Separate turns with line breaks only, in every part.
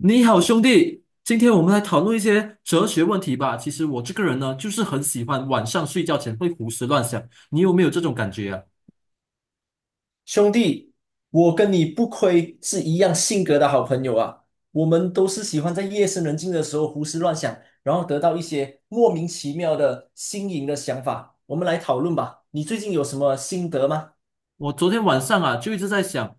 你好，兄弟，今天我们来讨论一些哲学问题吧。其实我这个人呢，就是很喜欢晚上睡觉前会胡思乱想。你有没有这种感觉啊？
兄弟，我跟你不亏是一样性格的好朋友啊！我们都是喜欢在夜深人静的时候胡思乱想，然后得到一些莫名其妙的新颖的想法。我们来讨论吧，你最近有什么心得吗？
我昨天晚上啊，就一直在想，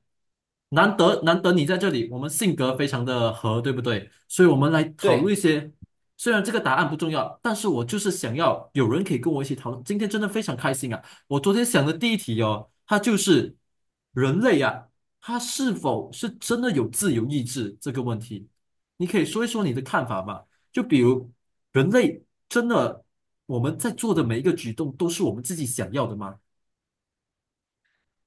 难得你在这里，我们性格非常的合，对不对？所以我们来讨论
对，
一些，虽然这个答案不重要，但是我就是想要有人可以跟我一起讨论。今天真的非常开心啊！我昨天想的第一题哦，它就是人类啊，它是否是真的有自由意志这个问题，你可以说一说你的看法吗？就比如人类真的我们在做的每一个举动都是我们自己想要的吗？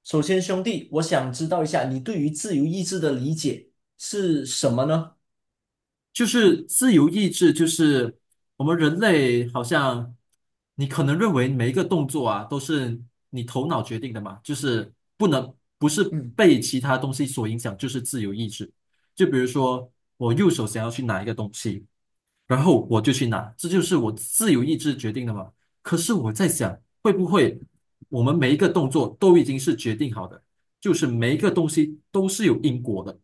首先兄弟，我想知道一下你对于自由意志的理解是什么呢？
就是自由意志，就是我们人类好像，你可能认为每一个动作啊都是你头脑决定的嘛，就是不能不是
嗯，
被其他东西所影响，就是自由意志。就比如说我右手想要去拿一个东西，然后我就去拿，这就是我自由意志决定的嘛。可是我在想，会不会我们每一个动作都已经是决定好的，就是每一个东西都是有因果的，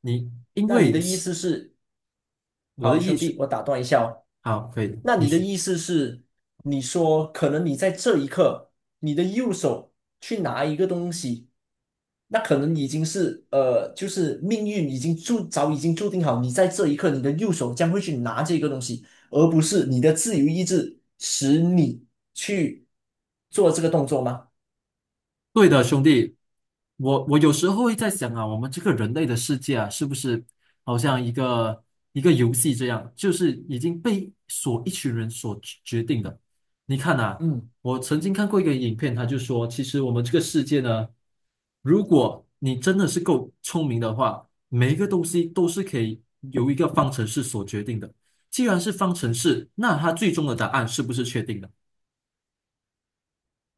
你因
那你
为。
的意思是，
我的
好
意
兄弟，
识
我打断一下哦，
好，可以，
那
你
你的
是
意思是，你说可能你在这一刻，你的右手去拿一个东西，那可能已经是就是命运已经已经注定好，你在这一刻，你的右手将会去拿这个东西，而不是你的自由意志使你去做这个动作吗？
对的，兄弟。我有时候会在想啊，我们这个人类的世界啊，是不是好像一个一个游戏这样，就是已经被所一群人所决定的。你看啊，
嗯，
我曾经看过一个影片，他就说，其实我们这个世界呢，如果你真的是够聪明的话，每一个东西都是可以由一个方程式所决定的。既然是方程式，那它最终的答案是不是确定的？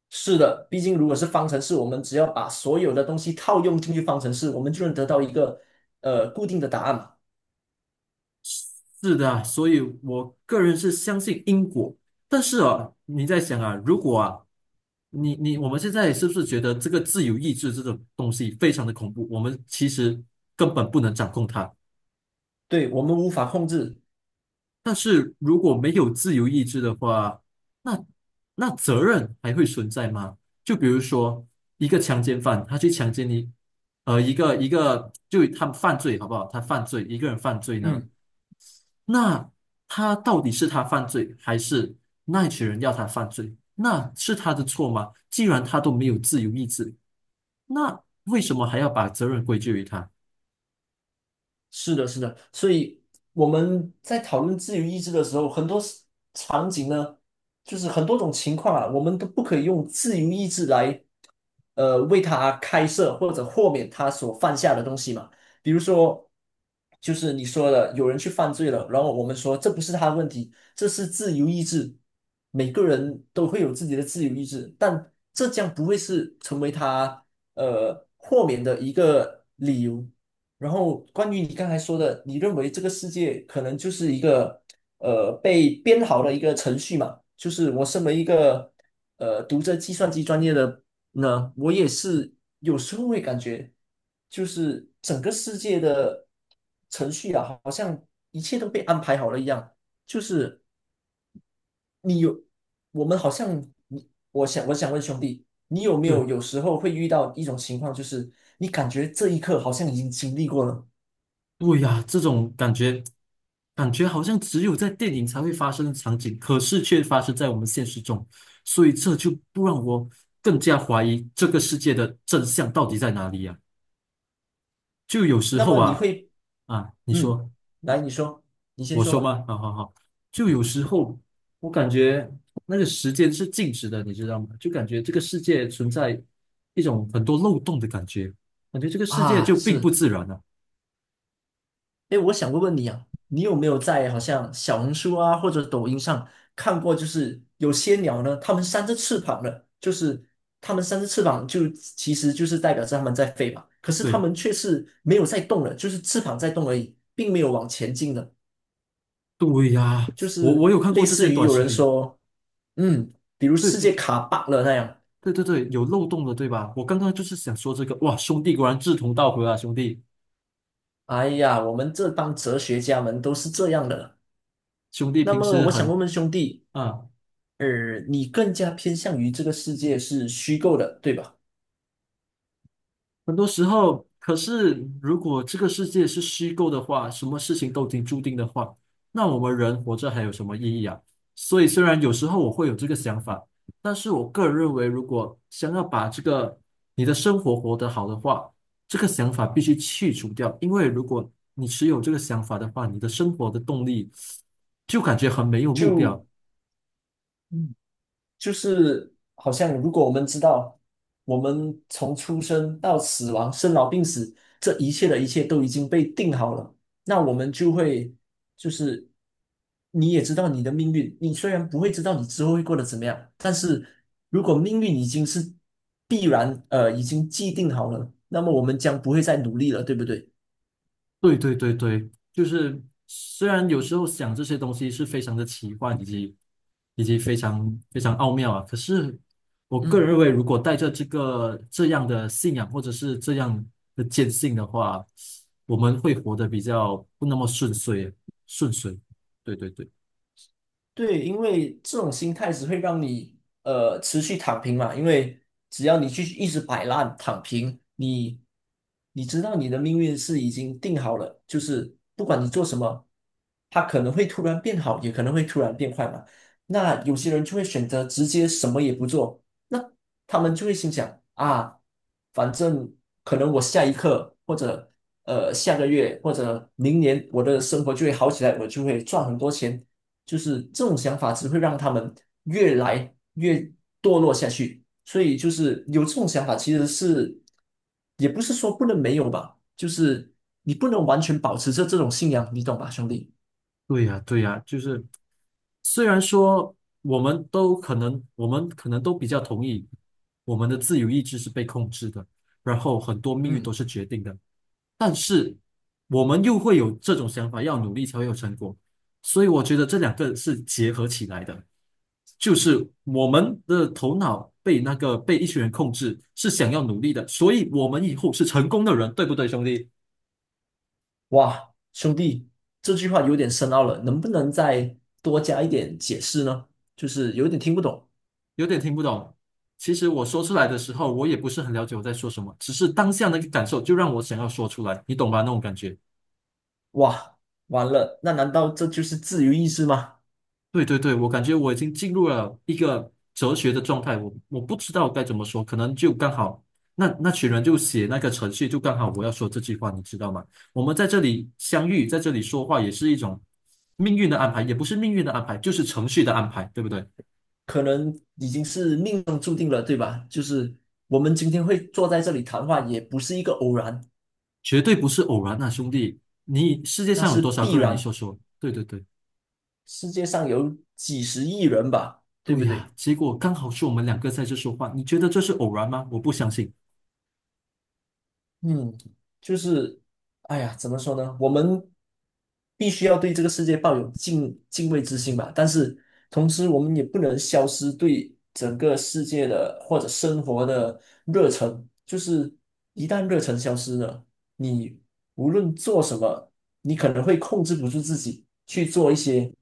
是的，毕竟如果是方程式，我们只要把所有的东西套用进去方程式，我们就能得到一个固定的答案嘛。
是的啊，所以我个人是相信因果，但是啊，你在想啊，如果啊，你我们现在是不是觉得这个自由意志这种东西非常的恐怖？我们其实根本不能掌控它。
对，我们无法控制。
但是如果没有自由意志的话，那那责任还会存在吗？就比如说一个强奸犯，他去强奸你，一个一个就他犯罪好不好？他犯罪，一个人犯罪呢？
嗯。
那他到底是他犯罪，还是那一群人要他犯罪？那是他的错吗？既然他都没有自由意志，那为什么还要把责任归咎于他？
是的，是的，所以我们在讨论自由意志的时候，很多 场景呢，就是很多种情况啊，我们都不可以用自由意志来为他开设或者豁免他所犯下的东西嘛。比如说，就是你说的，有人去犯罪了，然后我们说这不是他的问题，这是自由意志，每个人都会有自己的自由意志，但这将不会是成为他豁免的一个理由。然后关于你刚才说的，你认为这个世界可能就是一个被编好的一个程序嘛？就是我身为一个读着计算机专业的，那我也是有时候会感觉，就是整个世界的程序啊，好像一切都被安排好了一样。就是你有，我们好像你，我想我想问兄弟，你有没
嗯，
有有时候会遇到一种情况，就是你感觉这一刻好像已经经历过了，
对呀，这种感觉，感觉好像只有在电影才会发生的场景，可是却发生在我们现实中，所以这就不让我更加怀疑这个世界的真相到底在哪里呀？就有时
那
候
么你
啊
会，
啊，你
嗯，
说。
来，你说，你先
我
说
说
吧。
吗？好好好，就有时候我感觉那个时间是静止的，你知道吗？就感觉这个世界存在一种很多漏洞的感觉，感觉这个世界
啊，
就并不
是。
自然了。
哎，我想问问你啊，你有没有在好像小红书啊或者抖音上看过，就是有些鸟呢，它们扇着翅膀的，就是它们扇着翅膀就其实就是代表着它们在飞嘛，可是它
对
们却是没有在动的，就是翅膀在动而已，并没有往前进的，
对哎呀，
就
我
是
我有看过
类
这些
似于
短
有
视
人
频，
说，嗯，比如
对
世
对
界
对
卡 bug 了那样，
对对对，有漏洞的，对吧？我刚刚就是想说这个，哇，兄弟果然志同道合啊，兄弟
哎呀，我们这帮哲学家们都是这样的。
兄弟
那
平
么
时
我想
很
问问兄弟。
啊。
而你更加偏向于这个世界是虚构的，对吧？
很多时候，可是如果这个世界是虚构的话，什么事情都已经注定的话，那我们人活着还有什么意义啊？所以，虽然有时候我会有这个想法，但是我个人认为，如果想要把这个你的生活活得好的话，这个想法必须去除掉，因为如果你持有这个想法的话，你的生活的动力就感觉很没有目
就
标。
嗯，就是好像如果我们知道，我们从出生到死亡、生老病死，这一切的一切都已经被定好了，那我们就会就是你也知道你的命运，你虽然不会知道你之后会过得怎么样，但是如果命运已经是必然，已经既定好了，那么我们将不会再努力了，对不对？
对对对对，就是虽然有时候想这些东西是非常的奇幻，以及非常非常奥妙啊，可是我个人
嗯。
认为，如果带着这个这样的信仰或者是这样的坚信的话，我们会活得比较不那么顺遂，顺遂。对对对。
对，因为这种心态只会让你持续躺平嘛，因为只要你去一直摆烂躺平，你知道你的命运是已经定好了，就是不管你做什么，它可能会突然变好，也可能会突然变坏嘛。那有些人就会选择直接什么也不做，那他们就会心想啊，反正可能我下一刻或者下个月或者明年我的生活就会好起来，我就会赚很多钱。就是这种想法只会让他们越来越堕落下去。所以就是有这种想法，其实是也不是说不能没有吧，就是你不能完全保持着这种信仰，你懂吧，兄弟？
对呀，对呀，就是虽然说我们可能都比较同意，我们的自由意志是被控制的，然后很多命运都
嗯，
是决定的。我们又会有这种想法，要努力才会有成果。所以我觉得这两个是结合起来的，就是我们的头脑被那个被一群人控制，是想要努力的，所以我们以后是成功的人，对不对，兄弟？
哇，兄弟，这句话有点深奥了，能不能再多加一点解释呢？就是有点听不懂。
有点听不懂。其实我说出来的时候，我也不是很了解我在说什么，只是当下那个感受就让我想要说出来，你懂吧？那种感觉。
哇，完了，那难道这就是自由意志吗？
对对对，我感觉我已经进入了一个哲学的状态，我不知道该怎么说，可能就刚好那群人就写那个程序，就刚好我要说这句话，你知道吗？我们在这里相遇，在这里说话，也是一种命运的安排，也不是命运的安排，就是程序的安排，对不对？
可能已经是命中注定了，对吧？就是我们今天会坐在这里谈话，也不是一个偶然，
绝对不是偶然啊，兄弟！你世界
那
上有
是
多少
必
个人？你
然。
说说。对对对，
世界上有几十亿人吧，对
对
不
呀，
对？
结果刚好是我们两个在这说话，你觉得这是偶然吗？我不相信。
嗯，就是，哎呀，怎么说呢？我们必须要对这个世界抱有敬畏之心吧，但是同时我们也不能消失对整个世界的或者生活的热忱。就是一旦热忱消失了，你无论做什么，你可能会控制不住自己去做一些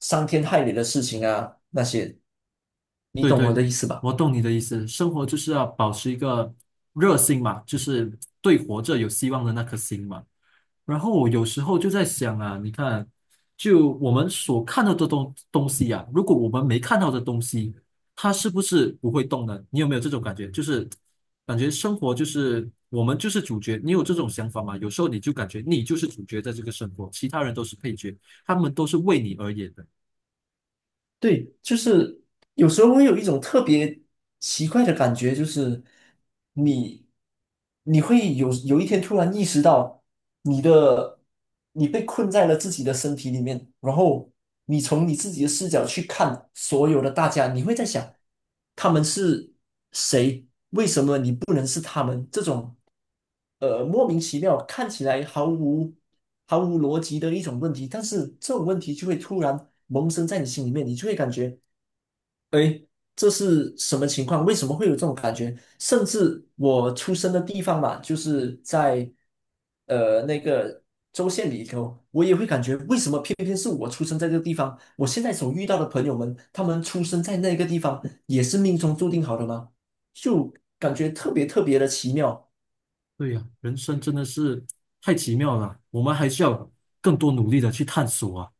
伤天害理的事情啊，那些，你
对
懂我
对，
的意思吧？
我懂你的意思。生活就是要保持一个热心嘛，就是对活着有希望的那颗心嘛。然后我有时候就在想啊，你看，就我们所看到的东西啊，如果我们没看到的东西，它是不是不会动呢？你有没有这种感觉？就是感觉生活就是我们就是主角。你有这种想法吗？有时候你就感觉你就是主角，在这个生活，其他人都是配角，他们都是为你而演的。
对，就是有时候会有一种特别奇怪的感觉，就是你你会有有一天突然意识到你的你被困在了自己的身体里面，然后你从你自己的视角去看所有的大家，你会在想他们是谁，不能是他们这种莫名其妙看起来毫无逻辑的一种问题，但是这种问题就会突然萌生在你心里面，你就会感觉。诶，这是什么情况？为什么会有这种感觉？甚至我出生的地方嘛，就是在那个州县里头，我也会感觉为什么偏偏是我出生在这个地方？我现在所遇到的朋友们，他们出生在那个地方，也是命中注定好的吗？就感觉特别特别的奇妙。
对呀，人生真的是太奇妙了，我们还需要更多努力的去探索啊。